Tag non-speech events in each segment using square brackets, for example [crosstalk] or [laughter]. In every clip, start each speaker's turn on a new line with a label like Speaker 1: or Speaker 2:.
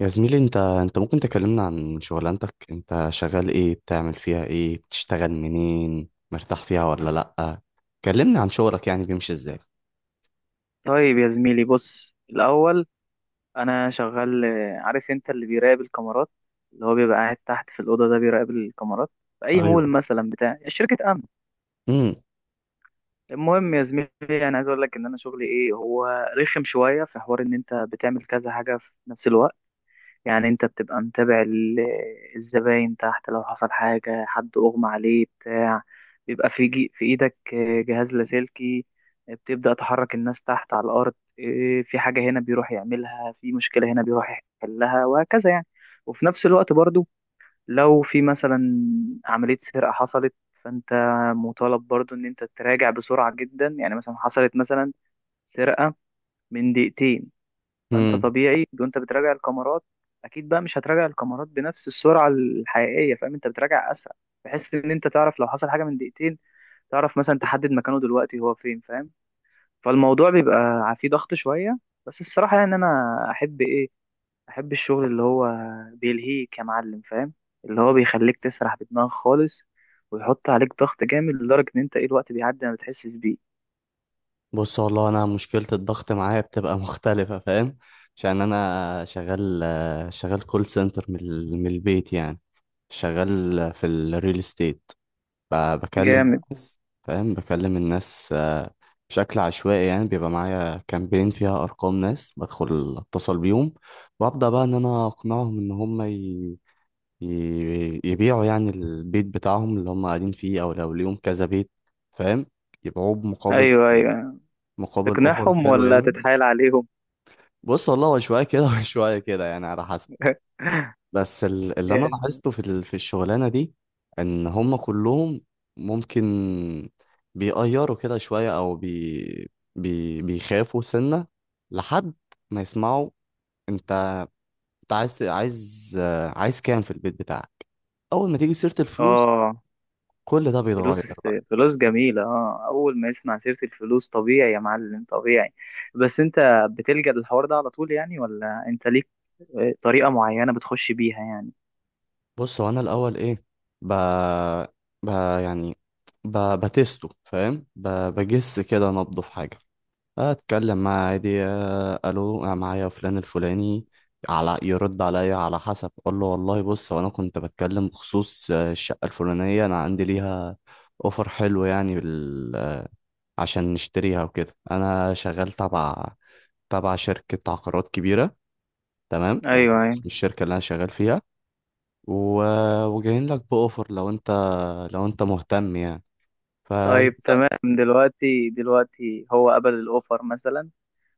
Speaker 1: يا زميلي انت ممكن تكلمنا عن شغلانتك؟ انت شغال ايه؟ بتعمل فيها ايه؟ بتشتغل منين؟ مرتاح فيها ولا لأ؟ كلمنا عن شغلك يعني بيمشي ازاي.
Speaker 2: طيب يا زميلي، بص الأول. أنا شغال، عارف أنت اللي بيراقب الكاميرات، اللي هو بيبقى قاعد تحت في الأوضة ده بيراقب الكاميرات في أي
Speaker 1: ايوه.
Speaker 2: مول مثلا، بتاع شركة أمن.
Speaker 1: امم
Speaker 2: المهم يا زميلي، أنا عايز أقول لك إن أنا شغلي إيه هو. رخم شوية، في حوار إن أنت بتعمل كذا حاجة في نفس الوقت. يعني انت بتبقى متابع الزباين تحت، لو حصل حاجة، حد اغمى عليه، بتاع، بيبقى في جي في ايدك جهاز لاسلكي، بتبدأ تحرك الناس تحت على الارض. اه، في حاجة هنا بيروح يعملها، في مشكلة هنا بيروح يحلها، وهكذا يعني. وفي نفس الوقت برضو، لو في مثلا عملية سرقة حصلت، فانت مطالب برضو ان انت تراجع بسرعة جدا. يعني مثلا حصلت مثلا سرقة من دقيقتين، فانت
Speaker 1: امم
Speaker 2: طبيعي وانت بتراجع الكاميرات، اكيد بقى مش هتراجع الكاميرات بنفس السرعه الحقيقيه، فاهم؟ انت بتراجع اسرع بحيث ان انت تعرف لو حصل حاجه من دقيقتين تعرف مثلا تحدد مكانه دلوقتي هو فين، فاهم؟ فالموضوع بيبقى فيه ضغط شويه. بس الصراحه يعني انا احب ايه، احب الشغل اللي هو بيلهيك يا معلم، فاهم؟ اللي هو بيخليك تسرح بدماغك خالص، ويحط عليك ضغط جامد لدرجه ان انت ايه الوقت بيعدي ما بتحسش بيه.
Speaker 1: بص والله انا مشكلة الضغط معايا بتبقى [laughs] مختلفة، فاهم؟ عشان انا شغال، كول سنتر من البيت يعني. شغال في الريل استيت. بكلم
Speaker 2: جامد.
Speaker 1: الناس، فاهم؟ بكلم الناس آه، بشكل عشوائي، يعني بيبقى معايا كامبين فيها أرقام ناس، بدخل أتصل بيهم وأبدأ بقى إن أنا أقنعهم إن هم يبيعوا يعني البيت بتاعهم اللي هم قاعدين فيه، أو لو ليهم كذا بيت، فاهم؟ يبيعوه بمقابل،
Speaker 2: ايوه ايوه.
Speaker 1: أوفر
Speaker 2: تقنعهم
Speaker 1: حلو
Speaker 2: ولا
Speaker 1: يعني.
Speaker 2: تتحايل عليهم؟
Speaker 1: بص والله هو شوية كده [laughs] وشوية كده يعني، على حسب. بس اللي انا
Speaker 2: [laughs]
Speaker 1: لاحظته في الشغلانه دي، ان هم كلهم ممكن بيقيروا كده شويه، او بي بيخافوا سنه لحد ما يسمعوا: انت انت عايز، عايز كام في البيت بتاعك؟ اول ما تيجي سيره الفلوس
Speaker 2: اه،
Speaker 1: كل ده بيتغير
Speaker 2: فلوس،
Speaker 1: بقى.
Speaker 2: فلوس جميلة. اه، أول ما يسمع سيرة الفلوس طبيعي يا معلم، طبيعي. بس أنت بتلجأ للحوار ده على طول يعني، ولا أنت ليك طريقة معينة بتخش بيها يعني؟
Speaker 1: بص هو انا الاول ايه، ب ب يعني بتستو، فاهم؟ بجس كده نبضه في حاجه. اتكلم معاه عادي: آه، الو انا معايا فلان الفلاني. على يرد عليا على حسب اقول له: والله بص، وانا كنت بتكلم بخصوص آه، الشقه الفلانيه، انا عندي ليها اوفر حلو يعني آه، عشان نشتريها وكده. انا شغال تبع، شركه عقارات كبيره، تمام؟
Speaker 2: أيوه
Speaker 1: واسم
Speaker 2: أيوه.
Speaker 1: الشركه اللي انا شغال فيها و... وجايين لك باوفر، لو انت مهتم يعني.
Speaker 2: طيب
Speaker 1: فانت،
Speaker 2: تمام، دلوقتي، دلوقتي هو قبل الأوفر مثلا،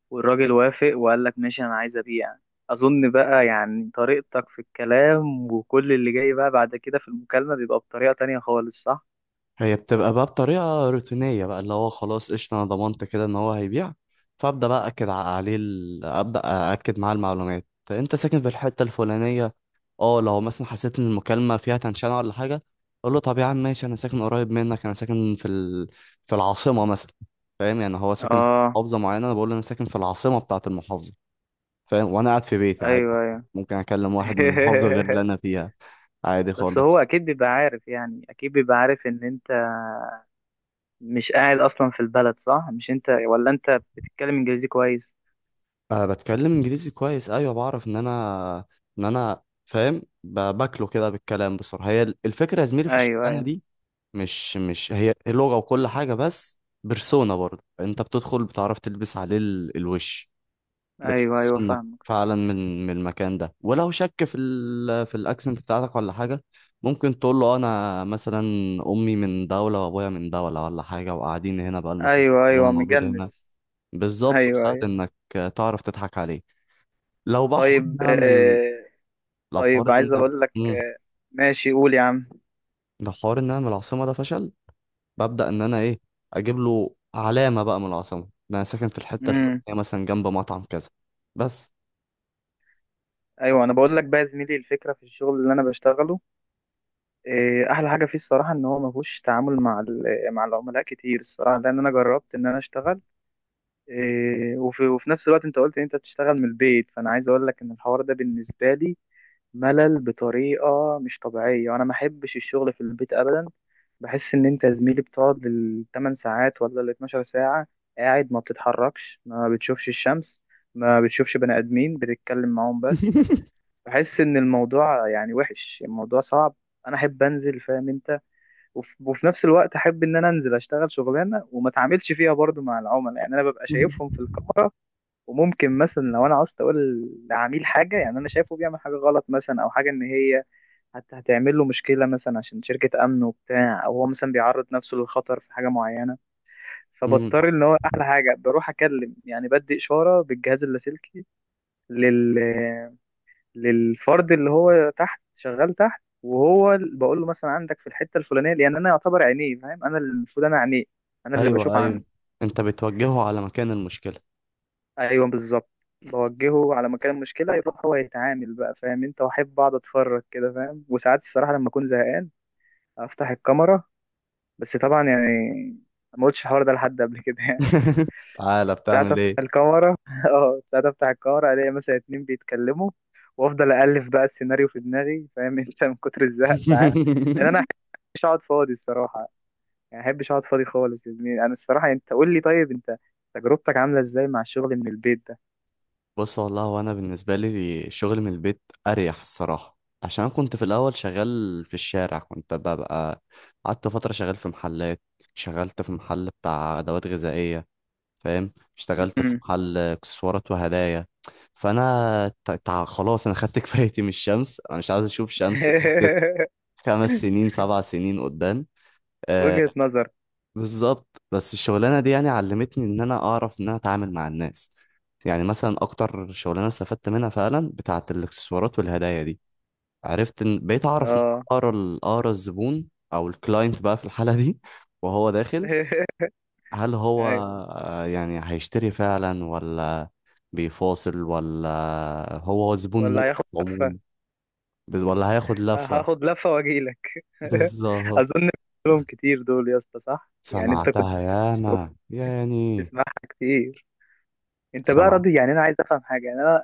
Speaker 2: والراجل وافق وقال لك ماشي أنا عايز أبيع، أظن بقى يعني طريقتك في الكلام، وكل اللي جاي بقى بعد كده في المكالمة بيبقى بطريقة تانية خالص، صح؟
Speaker 1: هي بتبقى بقى بطريقة روتينية بقى، اللي هو خلاص قشطة، أنا ضمنت كده إن هو هيبيع. فأبدأ بقى أكد عليه أبدأ أأكد معاه المعلومات: أنت ساكن في الحتة الفلانية. أه لو مثلا حسيت إن المكالمة فيها تنشنة ولا حاجة، أقول له: طب يا عم ماشي، أنا ساكن قريب منك، أنا ساكن في العاصمة مثلا. فاهم؟ يعني هو ساكن في
Speaker 2: اه
Speaker 1: محافظة معينة، أنا بقول له أنا ساكن في العاصمة بتاعة المحافظة، فاهم؟ وأنا قاعد في بيتي عادي،
Speaker 2: أيوه أيوه.
Speaker 1: ممكن أكلم واحد من محافظة غير اللي
Speaker 2: [laughs]
Speaker 1: أنا فيها عادي
Speaker 2: بس
Speaker 1: خالص.
Speaker 2: هو اكيد بيبقى عارف، يعني اكيد بيبقى عارف ان انت مش قاعد اصلا في البلد، صح؟ مش انت، ولا انت بتتكلم انجليزي كويس.
Speaker 1: أه بتكلم انجليزي كويس، ايوه. بعرف ان انا، فاهم، باكله كده بالكلام بسرعه. هي الفكره يا زميلي في
Speaker 2: ايوه
Speaker 1: الشغلانه
Speaker 2: ايوه.
Speaker 1: دي، مش هي لغه وكل حاجه بس، بيرسونا برضه. انت بتدخل بتعرف تلبس عليه الوش،
Speaker 2: ايوه
Speaker 1: بتحس
Speaker 2: ايوه،
Speaker 1: انك
Speaker 2: فاهمك.
Speaker 1: فعلا من المكان ده. ولو شك في ال في الاكسنت بتاعتك ولا حاجه، ممكن تقول له انا مثلا امي من دوله وابويا من دوله ولا حاجه، وقاعدين هنا بقالنا فتره،
Speaker 2: ايوه
Speaker 1: ولا انا
Speaker 2: ايوه،
Speaker 1: مولود هنا.
Speaker 2: مجنس.
Speaker 1: بالظبط،
Speaker 2: ايوه
Speaker 1: وسهل
Speaker 2: ايوه.
Speaker 1: انك تعرف تضحك عليه. لو بقى حوار ان
Speaker 2: طيب
Speaker 1: انا من لو
Speaker 2: طيب
Speaker 1: حوار ان
Speaker 2: عايز
Speaker 1: انا
Speaker 2: اقول لك
Speaker 1: مم.
Speaker 2: ماشي، قول يا عم.
Speaker 1: لو حوار ان انا من العاصمه ده فشل، ببدا ان انا ايه، اجيب له علامه بقى من العاصمه: ده انا ساكن في الحته
Speaker 2: امم.
Speaker 1: الفلانيه مثلا جنب مطعم كذا. بس.
Speaker 2: ايوه، انا بقول لك بقى يا زميلي، الفكره في الشغل اللي انا بشتغله احلى حاجه فيه الصراحه ان هو ما فيهوش تعامل مع مع العملاء كتير الصراحه، لان انا جربت ان انا اشتغل. وفي نفس الوقت انت قلت ان انت تشتغل من البيت، فانا عايز اقول لك ان الحوار ده بالنسبه لي ملل بطريقه مش طبيعيه، وانا ما احبش الشغل في البيت ابدا. بحس ان انت يا زميلي بتقعد الثمان ساعات ولا ال 12 ساعه قاعد، ما بتتحركش، ما بتشوفش الشمس، ما بتشوفش بني ادمين بتتكلم معاهم، بس بحس ان الموضوع يعني وحش، الموضوع صعب. انا احب انزل، فاهم انت، وفي نفس الوقت احب ان انا انزل اشتغل شغلانه وما اتعاملش فيها برضو مع العملاء، يعني انا ببقى شايفهم في
Speaker 1: [laughs]
Speaker 2: الكاميرا. وممكن مثلا لو انا عاوز اقول لعميل حاجه، يعني انا شايفه بيعمل حاجه غلط مثلا، او حاجه ان هي هتعمل له مشكله مثلا عشان شركه امن وبتاع، او هو مثلا بيعرض نفسه للخطر في حاجه معينه،
Speaker 1: مم.
Speaker 2: فبضطر ان هو احلى حاجه بروح اكلم، يعني بدي اشاره بالجهاز اللاسلكي لل للفرد اللي هو تحت، شغال تحت، وهو بقول له مثلا عندك في الحته الفلانيه، لان انا يعتبر عينيه، فاهم؟ انا اللي المفروض انا عينيه، انا اللي
Speaker 1: ايوه
Speaker 2: بشوف
Speaker 1: ايوه،
Speaker 2: عنه.
Speaker 1: انت بتوجهه على مكان المشكله.
Speaker 2: ايوه بالظبط. بوجهه على مكان المشكله، يروح هو يتعامل بقى، فاهم انت؟ واحب اقعد اتفرج كده، فاهم؟ وساعات الصراحه لما اكون زهقان افتح الكاميرا، بس طبعا يعني ما قلتش الحوار ده لحد قبل كده يعني.
Speaker 1: [laughs] تعالى
Speaker 2: [laughs] ساعات
Speaker 1: بتعمل
Speaker 2: افتح
Speaker 1: ايه؟
Speaker 2: الكاميرا. [laughs] اه، ساعات افتح الكاميرا الاقي مثلا اتنين بيتكلموا، وافضل الف بقى السيناريو في دماغي، فاهم؟ [laughs] انت من كتر الزهق ساعات، لان انا
Speaker 1: [laughs]
Speaker 2: مش اقعد فاضي الصراحه، يعني احبش اقعد فاضي خالص يا زميلي. انا الصراحه يعني انت قول لي، طيب انت تجربتك عامله ازاي مع الشغل من البيت ده؟
Speaker 1: بص والله هو انا بالنسبه لي الشغل من البيت اريح الصراحه. عشان كنت في الاول شغال في الشارع، كنت ببقى، قعدت فتره شغال في محلات، شغلت في محل بتاع ادوات غذائيه، فاهم؟ اشتغلت في
Speaker 2: مم.
Speaker 1: محل اكسسوارات وهدايا. فانا خلاص انا خدت [laughs] كفايتي من الشمس، انا مش عايز اشوف شمس لمده
Speaker 2: [laughs]
Speaker 1: 5 سنين 7 سنين قدام، آه.
Speaker 2: وجهة نظر.
Speaker 1: بالظبط. بس الشغلانه دي يعني علمتني ان انا اعرف ان انا اتعامل مع الناس. يعني مثلا اكتر شغلانه استفدت منها فعلا بتاعه الاكسسوارات والهدايا دي، عرفت ان بقيت اعرف ان
Speaker 2: اه.
Speaker 1: اقرا اقرا الزبون او الكلاينت بقى في الحاله دي [laughs] وهو داخل.
Speaker 2: [laughs]
Speaker 1: هل هو
Speaker 2: ايوه.
Speaker 1: آه، يعني هيشتري فعلا، ولا بيفاصل، ولا هو زبون
Speaker 2: ولا
Speaker 1: مؤقت
Speaker 2: هياخد لفة.
Speaker 1: عموما؟ ولا هياخد لفه؟
Speaker 2: هاخد لفة واجيلك. [laughs]
Speaker 1: بالظبط.
Speaker 2: اظن لهم كتير دول يا اسطى، صح؟ يعني انت كنت
Speaker 1: سمعتها ياما يعني.
Speaker 2: بتسمعها كتير. انت بقى
Speaker 1: سمع.
Speaker 2: راضي؟ يعني انا عايز افهم حاجة، يعني انا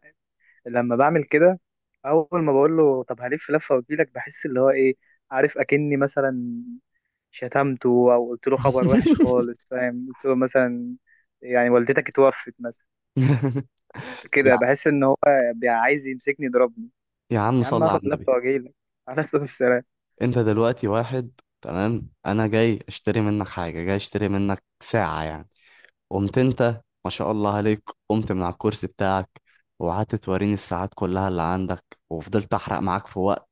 Speaker 2: لما بعمل كده، اول ما بقول له طب هلف لفة واجيلك، بحس اللي هو ايه، عارف اكني مثلا شتمته، او قلت له خبر وحش
Speaker 1: [laughs]
Speaker 2: خالص، فاهم؟ قلت له مثلا يعني والدتك اتوفت مثلا،
Speaker 1: يا
Speaker 2: كده بحس ان هو عايز يمسكني يضربني.
Speaker 1: يا عم
Speaker 2: يا عم
Speaker 1: صل على
Speaker 2: اخد
Speaker 1: النبي.
Speaker 2: لفه واجيلك، على صوت السلام.
Speaker 1: انت دلوقتي واحد تمام، انا جاي اشتري منك حاجة، جاي اشتري منك ساعة يعني، قمت انت ما شاء الله عليك، قمت من على الكرسي بتاعك وقعدت توريني الساعات كلها اللي عندك، وفضلت احرق معاك في وقت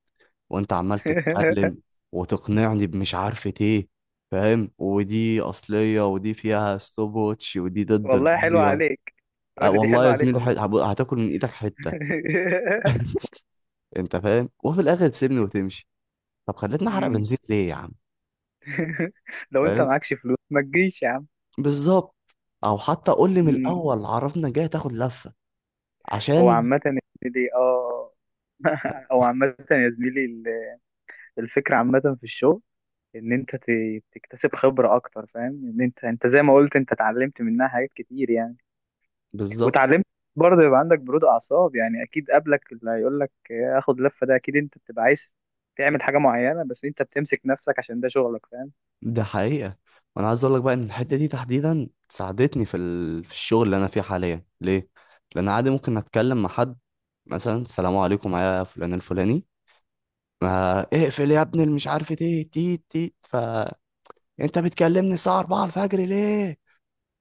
Speaker 1: وانت عمال تتكلم
Speaker 2: [laughs]
Speaker 1: وتقنعني بمش عارفة ايه، فاهم؟ ودي اصلية ودي فيها ستوب ووتش ودي ضد
Speaker 2: والله حلوه
Speaker 1: المية.
Speaker 2: عليك،
Speaker 1: أه
Speaker 2: يقول لي دي
Speaker 1: والله
Speaker 2: حلوه
Speaker 1: يا
Speaker 2: عليك
Speaker 1: زميلي،
Speaker 2: والله.
Speaker 1: هتاكل من ايدك حتة،
Speaker 2: [laughs]
Speaker 1: انت فاهم؟ وفي الاخر تسيبني وتمشي. طب خليتني احرق
Speaker 2: أمم.
Speaker 1: بنزين ليه يا عم؟
Speaker 2: [laughs] لو انت
Speaker 1: فاهم؟
Speaker 2: معكش فلوس ما تجيش يا عم.
Speaker 1: بالظبط. او حتى قول لي من
Speaker 2: أمم.
Speaker 1: الاول: عرفنا جاي تاخد لفه،
Speaker 2: هو
Speaker 1: عشان.
Speaker 2: عامه يا زميلي، اه. [laughs] هو عامه يا زميلي، الفكره عامه في الشغل، ان انت تكتسب خبره اكتر، فاهم؟ ان انت، انت زي ما قلت، انت اتعلمت منها حاجات كتير يعني.
Speaker 1: بالظبط.
Speaker 2: واتعلمت برضه يبقى عندك برود اعصاب، يعني اكيد قبلك اللي هيقول لك اخد لفه ده، اكيد انت بتبقى عايز تعمل حاجه معينه بس انت بتمسك نفسك عشان ده شغلك، فاهم؟
Speaker 1: ده حقيقه. وانا عايز اقول لك بقى ان الحته دي تحديدا ساعدتني في الشغل اللي انا فيه حاليا. ليه؟ لان عادي ممكن اتكلم مع حد مثلا: السلام عليكم، معايا فلان الفلاني. ما اقفل يا ابني اللي مش عارف ايه، تيت تيت. ف انت بتكلمني الساعه 4 الفجر ليه؟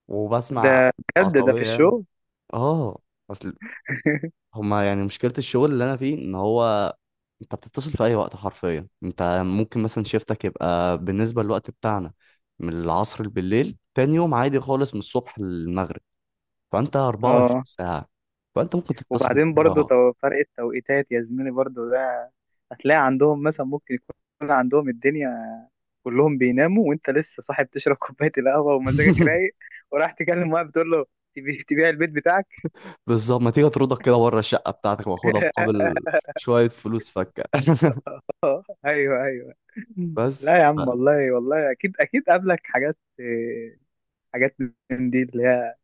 Speaker 1: وبسمع
Speaker 2: ده بجد، ده في
Speaker 1: عصبيه،
Speaker 2: الشغل.
Speaker 1: اه. اصل
Speaker 2: [laughs]
Speaker 1: هما يعني مشكله الشغل اللي انا فيه ان هو انت بتتصل في اي وقت حرفيا. انت ممكن مثلا شيفتك يبقى بالنسبه للوقت بتاعنا من العصر بالليل تاني يوم عادي خالص، من الصبح للمغرب. فانت 24
Speaker 2: اه،
Speaker 1: ساعه، فانت ممكن تتصل
Speaker 2: وبعدين برضه
Speaker 1: بره.
Speaker 2: فرق التوقيتات يا زميلي برضه ده، هتلاقي عندهم مثلا ممكن يكون عندهم الدنيا كلهم بيناموا، وانت لسه صاحي بتشرب [laughs] كوبايه القهوه ومزاجك رايق،
Speaker 1: [laughs]
Speaker 2: وراح تكلم واحد بتقول له تبيع البيت بتاعك.
Speaker 1: بالظبط، ما تيجي اطردك كده بره الشقه بتاعتك واخدها مقابل
Speaker 2: [laughs]
Speaker 1: شويه فلوس فكه. [laughs]
Speaker 2: [laughs] اه ايوه ايوه.
Speaker 1: بس
Speaker 2: لا يا عم، والله والله اكيد اكيد قابلك حاجات، حاجات من دي اللي هي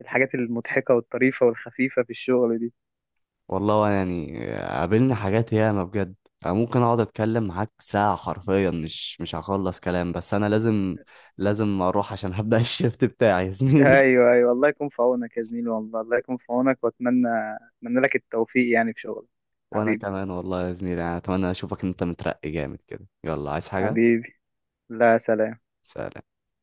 Speaker 2: الحاجات المضحكه والطريفه والخفيفه في الشغل دي.
Speaker 1: والله يعني قابلني حاجات ياما بجد. انا ممكن اقعد اتكلم معاك ساعة حرفيا، مش هخلص كلام، بس انا لازم، لازم اروح عشان هبدأ [laughs] الشيفت بتاعي يا زميلي.
Speaker 2: ايوه ايوه. الله يكون في عونك يا زميلي، والله الله يكون في عونك. واتمنى، اتمنى لك التوفيق يعني في شغلك.
Speaker 1: وانا
Speaker 2: حبيبي،
Speaker 1: كمان والله يا زميلي، انا اتمنى اشوفك انت مترقي جامد كده. يلا عايز حاجة؟
Speaker 2: حبيبي. لا سلام.
Speaker 1: سلام.